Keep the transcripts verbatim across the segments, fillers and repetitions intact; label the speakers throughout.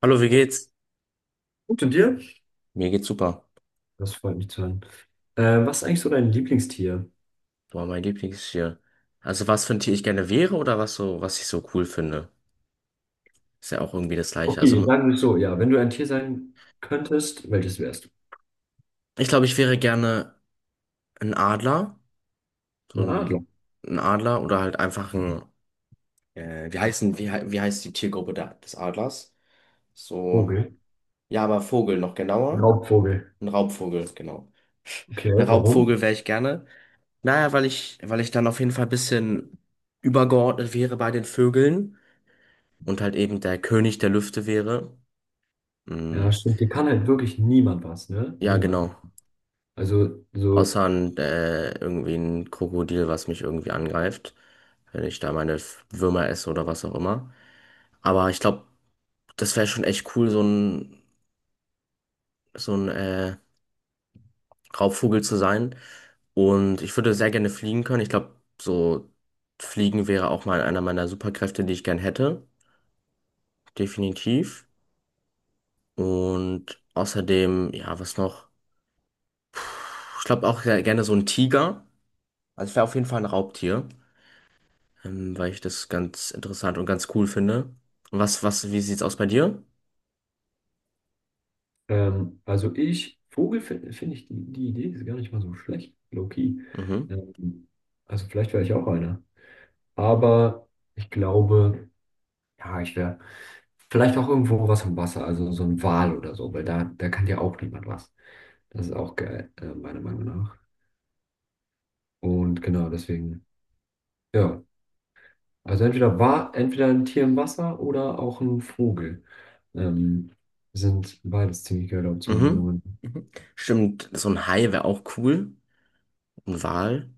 Speaker 1: Hallo, wie geht's?
Speaker 2: Gut, und dir?
Speaker 1: Mir geht's super.
Speaker 2: Das freut mich zu hören. Äh, was ist eigentlich so dein Lieblingstier?
Speaker 1: Boah, mein Lieblingstier. Also was für ein Tier ich gerne wäre oder was so, was ich so cool finde. Ist ja auch irgendwie das Gleiche.
Speaker 2: Okay,
Speaker 1: Also
Speaker 2: sagen wir so, ja, wenn du ein Tier sein könntest, welches wärst du?
Speaker 1: ich glaube, ich wäre gerne ein Adler. So
Speaker 2: Ein
Speaker 1: ein,
Speaker 2: Adler.
Speaker 1: ein Adler oder halt einfach ein, äh, wie heißen, wie, hei- wie heißt die Tiergruppe da, des Adlers? So,
Speaker 2: Vogel.
Speaker 1: ja, aber Vogel noch genauer.
Speaker 2: Raubvogel.
Speaker 1: Ein Raubvogel, genau.
Speaker 2: Okay,
Speaker 1: Ein
Speaker 2: warum?
Speaker 1: Raubvogel wäre ich gerne. Naja, weil ich, weil ich dann auf jeden Fall ein bisschen übergeordnet wäre bei den Vögeln und halt eben der König der Lüfte wäre. Mm,
Speaker 2: Ja, stimmt, dir kann halt wirklich niemand was, ne?
Speaker 1: ja,
Speaker 2: Niemand.
Speaker 1: genau.
Speaker 2: Also, so,
Speaker 1: Außer ein, äh, irgendwie ein Krokodil, was mich irgendwie angreift, wenn ich da meine F- Würmer esse oder was auch immer. Aber ich glaube, das wäre schon echt cool, so ein, so ein äh, Raubvogel zu sein. Und ich würde sehr gerne fliegen können. Ich glaube, so fliegen wäre auch mal einer meiner Superkräfte, die ich gern hätte. Definitiv. Und außerdem, ja, was noch? Ich glaube auch sehr gerne so ein Tiger. Also ich wäre auf jeden Fall ein Raubtier, ähm, weil ich das ganz interessant und ganz cool finde. Was, was, wie sieht's aus bei dir?
Speaker 2: ähm, also ich, Vogel finde find find ich die, die Idee ist gar nicht mal so schlecht, low-key.
Speaker 1: Mhm.
Speaker 2: Ähm, also vielleicht wäre ich auch einer. Aber ich glaube. Ja, ich wäre vielleicht auch irgendwo was am Wasser, also so ein Wal oder so, weil da, da kann dir auch niemand was. Das ist auch geil, äh, meiner Meinung nach. Und genau, deswegen, ja. Also entweder war, entweder ein Tier im Wasser oder auch ein Vogel. Ähm, sind beides ziemlich geile Optionen
Speaker 1: Mhm.
Speaker 2: genommen.
Speaker 1: Stimmt, so ein Hai wäre auch cool. Ein Wal.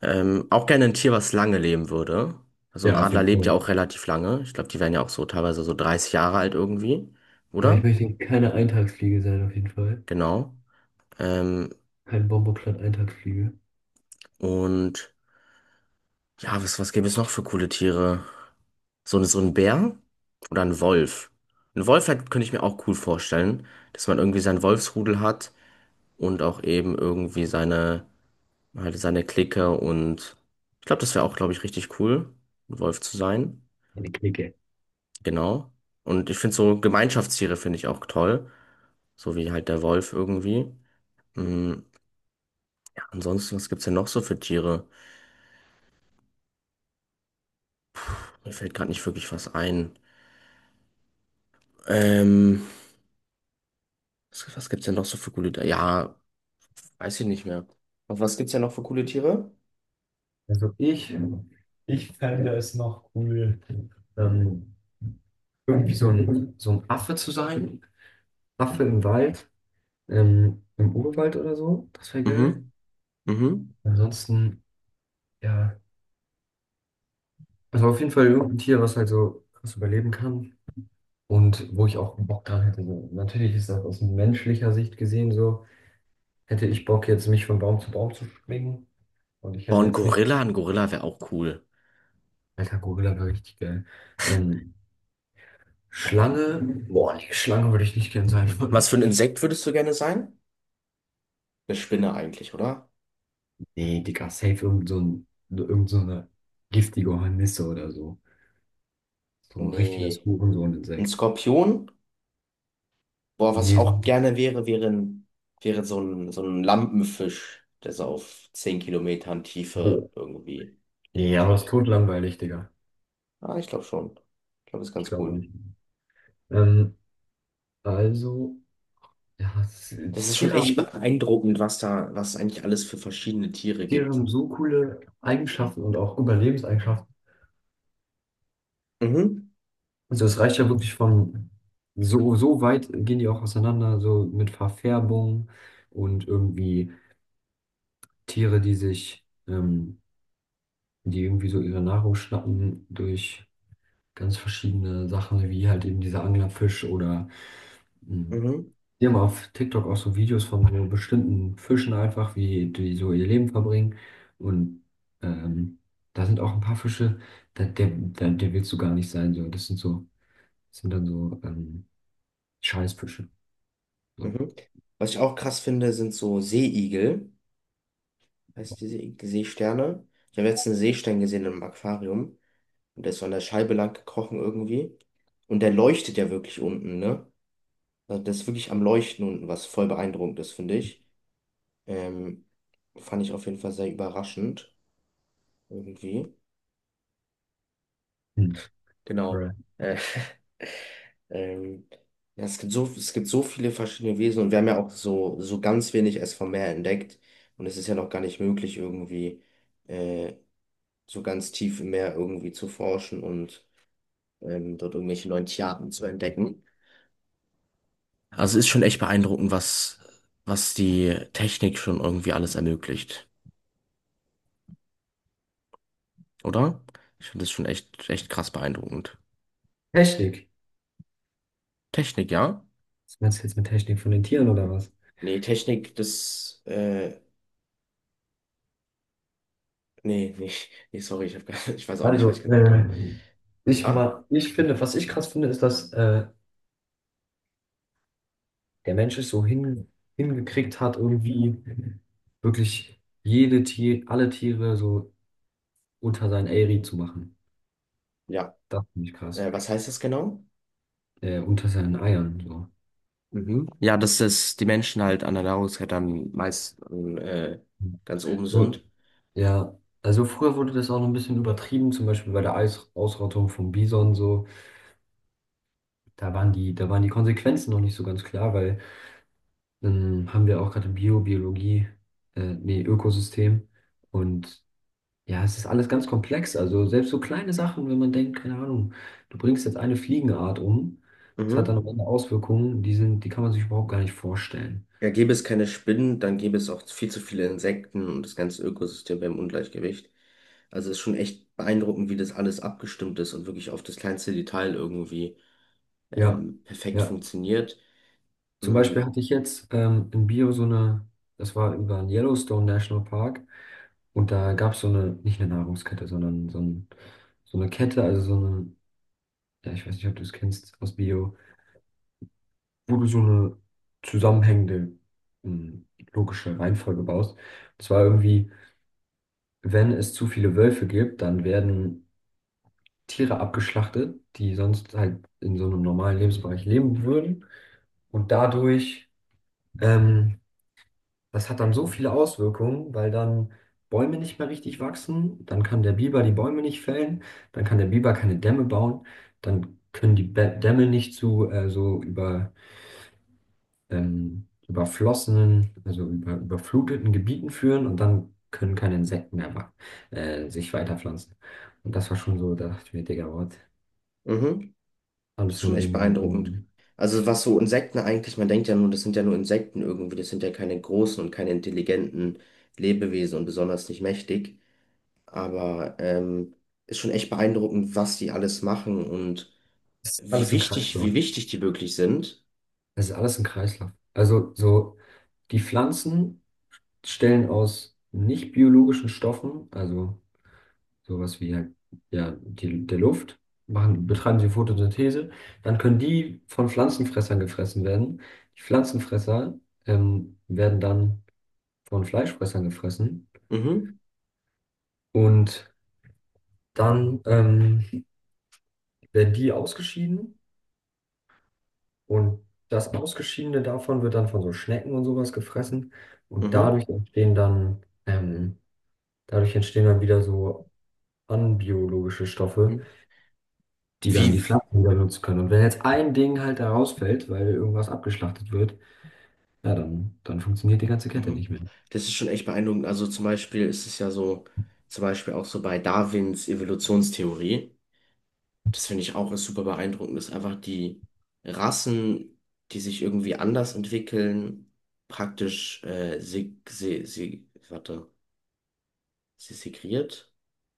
Speaker 1: Ähm, auch gerne ein Tier, was lange leben würde. Also ein
Speaker 2: Ja, auf
Speaker 1: Adler
Speaker 2: jeden
Speaker 1: lebt ja
Speaker 2: Fall.
Speaker 1: auch relativ lange. Ich glaube, die werden ja auch so teilweise so dreißig Jahre alt irgendwie,
Speaker 2: Ja, ich
Speaker 1: oder?
Speaker 2: möchte keine Eintagsfliege sein, auf jeden Fall.
Speaker 1: Genau. Ähm,
Speaker 2: Kein Bomboplat-Eintagsfliege.
Speaker 1: und ja, was, was gäbe es noch für coole Tiere? So, ein- so ein Bär oder ein Wolf. Ein Wolf halt, könnte ich mir auch cool vorstellen, dass man irgendwie sein Wolfsrudel hat und auch eben irgendwie seine, halt seine Clique und ich glaube, das wäre auch, glaube ich, richtig cool, ein Wolf zu sein.
Speaker 2: Eine Clique.
Speaker 1: Genau. Und ich finde so Gemeinschaftstiere finde ich auch toll. So wie halt der Wolf irgendwie. Mhm. Ja, ansonsten, was gibt's denn noch so für Tiere? Mir fällt gerade nicht wirklich was ein. Ähm, was, was gibt's denn noch so für coole? Ja, weiß ich nicht mehr. Und was gibt's ja noch für coole Tiere?
Speaker 2: Also ich, ich fände es noch cool, ähm, irgendwie so ein, so ein Affe zu sein. Affe im Wald, ähm, im Urwald oder so. Das wäre geil.
Speaker 1: Mhm. Mhm.
Speaker 2: Ansonsten, ja. Also auf jeden Fall irgendein Tier, was halt so krass überleben kann. Und wo ich auch Bock dran hätte. So, natürlich ist das aus menschlicher Sicht gesehen so. Hätte ich Bock, jetzt mich von Baum zu Baum zu schwingen. Und ich
Speaker 1: Boah,
Speaker 2: hätte
Speaker 1: ein
Speaker 2: jetzt nicht.
Speaker 1: Gorilla, ein Gorilla wäre auch cool.
Speaker 2: Alter, Gorilla wäre richtig geil. Ähm, Schlange. Boah, nee, Schlange würde ich nicht gern sein wollen.
Speaker 1: Was für ein Insekt würdest du gerne sein? Eine Spinne eigentlich, oder?
Speaker 2: Nee, Digga, safe irgend so ein, irgend so eine giftige Hornisse oder so. So ein richtiges
Speaker 1: Nee. Ein
Speaker 2: Hurensohn-Insekt.
Speaker 1: Skorpion? Boah, was ich
Speaker 2: Nee, so-
Speaker 1: auch gerne wäre, wäre, ein, wäre so ein, so ein Lampenfisch, der so auf zehn Kilometern Tiefe
Speaker 2: oh.
Speaker 1: irgendwie
Speaker 2: Nee,
Speaker 1: lebt.
Speaker 2: aber es ist totlangweilig, Digga.
Speaker 1: Ah, ich glaube schon. Ich glaube, das ist
Speaker 2: Ich
Speaker 1: ganz
Speaker 2: glaube
Speaker 1: cool.
Speaker 2: nicht. Ähm, also, ja, es,
Speaker 1: Das ist schon
Speaker 2: Tiere
Speaker 1: echt
Speaker 2: haben so,
Speaker 1: beeindruckend, was da, was es eigentlich alles für verschiedene Tiere
Speaker 2: Tiere
Speaker 1: gibt.
Speaker 2: haben so coole Eigenschaften und auch Überlebenseigenschaften.
Speaker 1: Mhm.
Speaker 2: Also es reicht ja wirklich von so, so weit gehen die auch auseinander, so mit Verfärbung und irgendwie Tiere, die sich, ähm, die irgendwie so ihre Nahrung schnappen durch ganz verschiedene Sachen, wie halt eben dieser Anglerfisch oder hm,
Speaker 1: Mhm.
Speaker 2: die haben auf TikTok auch so Videos von so bestimmten Fischen einfach, wie die so ihr Leben verbringen. Und ähm, da sind auch ein paar Fische, da, der, der, der willst du gar nicht sein. So. Das sind so, das sind dann so ähm, Scheißfische. So.
Speaker 1: Mhm. Was ich auch krass finde, sind so Seeigel. Heißt die Seeigel, Seesterne. Ich habe jetzt einen Seestern gesehen im Aquarium. Und der ist so an der Scheibe lang gekrochen irgendwie. Und der leuchtet ja wirklich unten, ne? Also das ist wirklich am Leuchten unten, was voll beeindruckend ist, finde ich. Ähm, fand ich auf jeden Fall sehr überraschend. Irgendwie.
Speaker 2: Hm.
Speaker 1: Genau.
Speaker 2: Alright.
Speaker 1: Äh, Ähm, ja, es gibt so, es gibt so viele verschiedene Wesen und wir haben ja auch so, so ganz wenig erst vom Meer entdeckt. Und es ist ja noch gar nicht möglich, irgendwie äh, so ganz tief im Meer irgendwie zu forschen und ähm, dort irgendwelche neuen Tierarten zu entdecken. Also es ist schon echt beeindruckend, was, was die Technik schon irgendwie alles ermöglicht, oder? Ich finde das schon echt, echt krass beeindruckend.
Speaker 2: Technik.
Speaker 1: Technik, ja?
Speaker 2: Was meinst du jetzt mit Technik von den Tieren oder was?
Speaker 1: Nee, Technik, das, äh, nee, nee, nee, sorry, ich hab, gar- ich weiß auch nicht, was ich
Speaker 2: Also,
Speaker 1: gesagt
Speaker 2: äh,
Speaker 1: habe.
Speaker 2: ich,
Speaker 1: Ja?
Speaker 2: ma ich finde, was ich krass finde, ist, dass äh, der Mensch es so hin hingekriegt hat, irgendwie wirklich jede Tier, alle Tiere so unter seinen Eyri zu machen.
Speaker 1: Ja.
Speaker 2: Das finde ich krass.
Speaker 1: Äh, was heißt das genau?
Speaker 2: Äh, unter seinen Eiern, so.
Speaker 1: Mhm. Ja, dass es die Menschen halt an der Nahrungskette am meisten äh, ganz oben
Speaker 2: So,
Speaker 1: sind.
Speaker 2: ja. Also früher wurde das auch noch ein bisschen übertrieben, zum Beispiel bei der Eis Ausrottung vom Bison so. Da waren die, da waren die Konsequenzen noch nicht so ganz klar, weil dann haben wir auch gerade Bio, Biologie, äh, nee, Ökosystem. Und ja, es ist alles ganz komplex. Also selbst so kleine Sachen, wenn man denkt, keine Ahnung, du bringst jetzt eine Fliegenart um, das hat
Speaker 1: Mhm.
Speaker 2: dann am Ende Auswirkungen, die sind, die kann man sich überhaupt gar nicht vorstellen.
Speaker 1: Ja, gäbe es keine Spinnen, dann gäbe es auch viel zu viele Insekten und das ganze Ökosystem wäre im Ungleichgewicht. Also es ist schon echt beeindruckend, wie das alles abgestimmt ist und wirklich auf das kleinste Detail irgendwie
Speaker 2: Ja.
Speaker 1: ähm, perfekt
Speaker 2: Ja,
Speaker 1: funktioniert.
Speaker 2: zum Beispiel
Speaker 1: Mhm.
Speaker 2: hatte ich jetzt ähm, in Bio so eine, das war über den Yellowstone National Park und da gab es so eine, nicht eine Nahrungskette, sondern so, ein, so eine Kette, also so eine, ja, ich weiß nicht, ob du es kennst aus Bio, wo du so eine zusammenhängende, ähm, logische Reihenfolge baust. Und zwar irgendwie, wenn es zu viele Wölfe gibt, dann werden Tiere abgeschlachtet, die sonst halt in so einem normalen Lebensbereich leben würden und dadurch. Ähm, Das hat dann so viele Auswirkungen, weil dann Bäume nicht mehr richtig wachsen, dann kann der Biber die Bäume nicht fällen, dann kann der Biber keine Dämme bauen, dann können die Bä- Dämme nicht zu äh, so über, ähm, überflossenen, also über, überfluteten Gebieten führen und dann können keine Insekten mehr wa- äh, sich weiterpflanzen. Und das war schon so, da dachte ich mir, Digga, what?
Speaker 1: Mhm.
Speaker 2: Alles
Speaker 1: Ist schon
Speaker 2: nur
Speaker 1: echt
Speaker 2: wegen diesem,
Speaker 1: beeindruckend.
Speaker 2: Gründen.
Speaker 1: Also was so Insekten eigentlich, man denkt ja nur, das sind ja nur Insekten irgendwie, das sind ja keine großen und keine intelligenten Lebewesen und besonders nicht mächtig. Aber ähm, ist schon echt beeindruckend, was die alles machen und
Speaker 2: Das ist
Speaker 1: wie
Speaker 2: alles im
Speaker 1: wichtig,
Speaker 2: Kreislauf.
Speaker 1: wie wichtig die wirklich sind.
Speaker 2: Es ist alles ein Kreislauf. Also so, die Pflanzen stellen aus nicht biologischen Stoffen, also sowas wie halt, ja, die, der Luft, machen, betreiben sie Photosynthese, dann können die von Pflanzenfressern gefressen werden. Die Pflanzenfresser ähm, werden dann von Fleischfressern gefressen
Speaker 1: Mhm,
Speaker 2: und dann ähm, werden die ausgeschieden und das Ausgeschiedene davon wird dann von so Schnecken und sowas gefressen und
Speaker 1: mhm,
Speaker 2: dadurch entstehen dann ähm, dadurch entstehen dann wieder so anbiologische Stoffe,
Speaker 1: mhm.
Speaker 2: die dann die
Speaker 1: Wie,
Speaker 2: Pflanzen wieder nutzen können. Und wenn jetzt ein Ding halt da rausfällt, weil irgendwas abgeschlachtet wird, ja, dann, dann funktioniert die ganze Kette
Speaker 1: mhm.
Speaker 2: nicht mehr.
Speaker 1: Das ist schon echt beeindruckend. Also zum Beispiel ist es ja so, zum Beispiel auch so bei Darwins Evolutionstheorie. Das finde ich auch ist super beeindruckend, dass einfach die Rassen, die sich irgendwie anders entwickeln, praktisch äh, seg se se warte, se segregiert.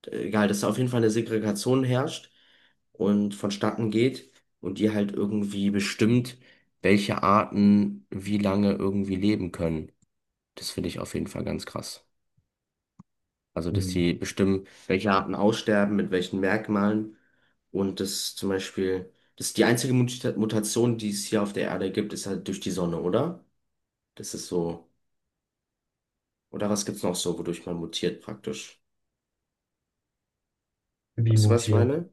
Speaker 1: Egal, dass da auf jeden Fall eine Segregation herrscht und vonstatten geht und die halt irgendwie bestimmt, welche Arten wie lange irgendwie leben können. Das finde ich auf jeden Fall ganz krass. Also, dass
Speaker 2: Hm.
Speaker 1: die bestimmen, welche Arten aussterben, mit welchen Merkmalen. Und das zum Beispiel, das ist die einzige Muta- Mutation, die es hier auf der Erde gibt, ist halt durch die Sonne, oder? Das ist so. Oder was gibt's noch so, wodurch man mutiert praktisch?
Speaker 2: Wie
Speaker 1: Weißt du, was ich
Speaker 2: mutiert.
Speaker 1: meine?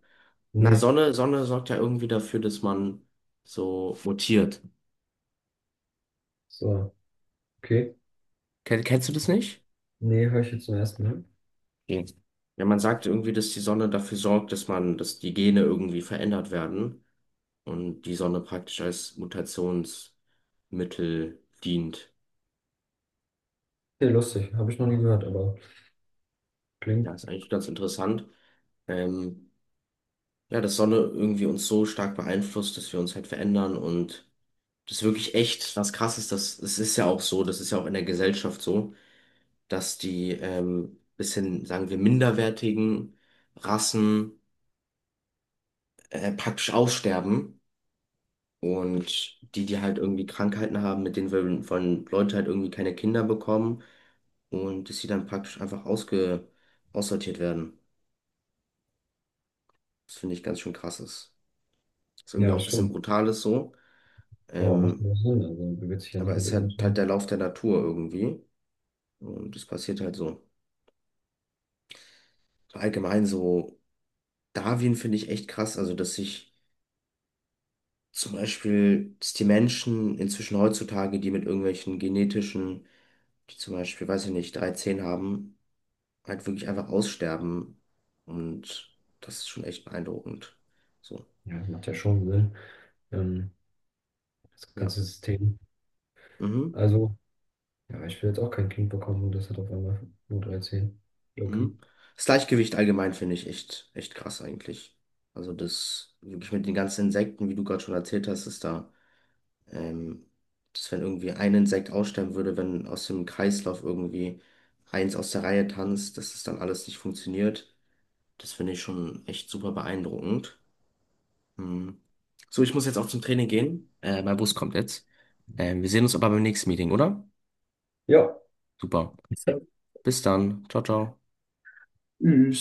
Speaker 1: Na,
Speaker 2: Nee,
Speaker 1: Sonne, Sonne sorgt ja irgendwie dafür, dass man so mutiert.
Speaker 2: so, okay.
Speaker 1: Ken kennst du das nicht?
Speaker 2: Nee, höre ich jetzt zum ersten Mal.
Speaker 1: Nee. Ja, man sagt irgendwie, dass die Sonne dafür sorgt, dass man, dass die Gene irgendwie verändert werden und die Sonne praktisch als Mutationsmittel dient.
Speaker 2: Nee, lustig, habe ich noch nie gehört, aber
Speaker 1: Ja,
Speaker 2: klingt,
Speaker 1: ist eigentlich ganz interessant. Ähm, ja, dass Sonne irgendwie uns so stark beeinflusst, dass wir uns halt verändern und das ist wirklich echt was Krasses. Das, das ist ja auch so, das ist ja auch in der Gesellschaft so, dass die ähm, bisschen, sagen wir, minderwertigen Rassen äh, praktisch aussterben. Und die, die halt irgendwie Krankheiten haben, mit denen wollen, wollen Leute halt irgendwie keine Kinder bekommen, und dass sie dann praktisch einfach ausge aussortiert werden. Das finde ich ganz schön krass ist. Ist irgendwie
Speaker 2: ja,
Speaker 1: auch ein
Speaker 2: das
Speaker 1: bisschen
Speaker 2: stimmt.
Speaker 1: brutal ist so,
Speaker 2: Aber macht
Speaker 1: ähm,
Speaker 2: nur Sinn, also bewegt sich ja
Speaker 1: aber
Speaker 2: nicht
Speaker 1: es
Speaker 2: mit
Speaker 1: ist
Speaker 2: irgendwas.
Speaker 1: halt, halt der Lauf der Natur irgendwie und es passiert halt so. Allgemein so Darwin finde ich echt krass, also dass sich zum Beispiel, dass die Menschen inzwischen heutzutage, die mit irgendwelchen genetischen, die zum Beispiel, weiß ich nicht, dreizehn haben, halt wirklich einfach aussterben und das ist schon echt beeindruckend. So,
Speaker 2: Ja, macht ja schon Sinn, ähm, das
Speaker 1: ja.
Speaker 2: ganze System.
Speaker 1: Mhm.
Speaker 2: Also, ja, ich will jetzt auch kein Kind bekommen und das hat auf einmal nur dreizehn. Zehen.
Speaker 1: Mhm.
Speaker 2: Loki.
Speaker 1: Das Gleichgewicht allgemein finde ich echt, echt krass eigentlich. Also das, wirklich mit den ganzen Insekten, wie du gerade schon erzählt hast, ist da, ähm, dass wenn irgendwie ein Insekt aussterben würde, wenn aus dem Kreislauf irgendwie eins aus der Reihe tanzt, dass das dann alles nicht funktioniert. Das finde ich schon echt super beeindruckend. Mhm. So, ich muss jetzt auch zum Training gehen. Äh, mein Bus kommt jetzt. Ähm, wir sehen uns aber beim nächsten Meeting, oder?
Speaker 2: Ja,
Speaker 1: Super.
Speaker 2: so.
Speaker 1: Bis dann. Ciao, ciao.
Speaker 2: Mhm.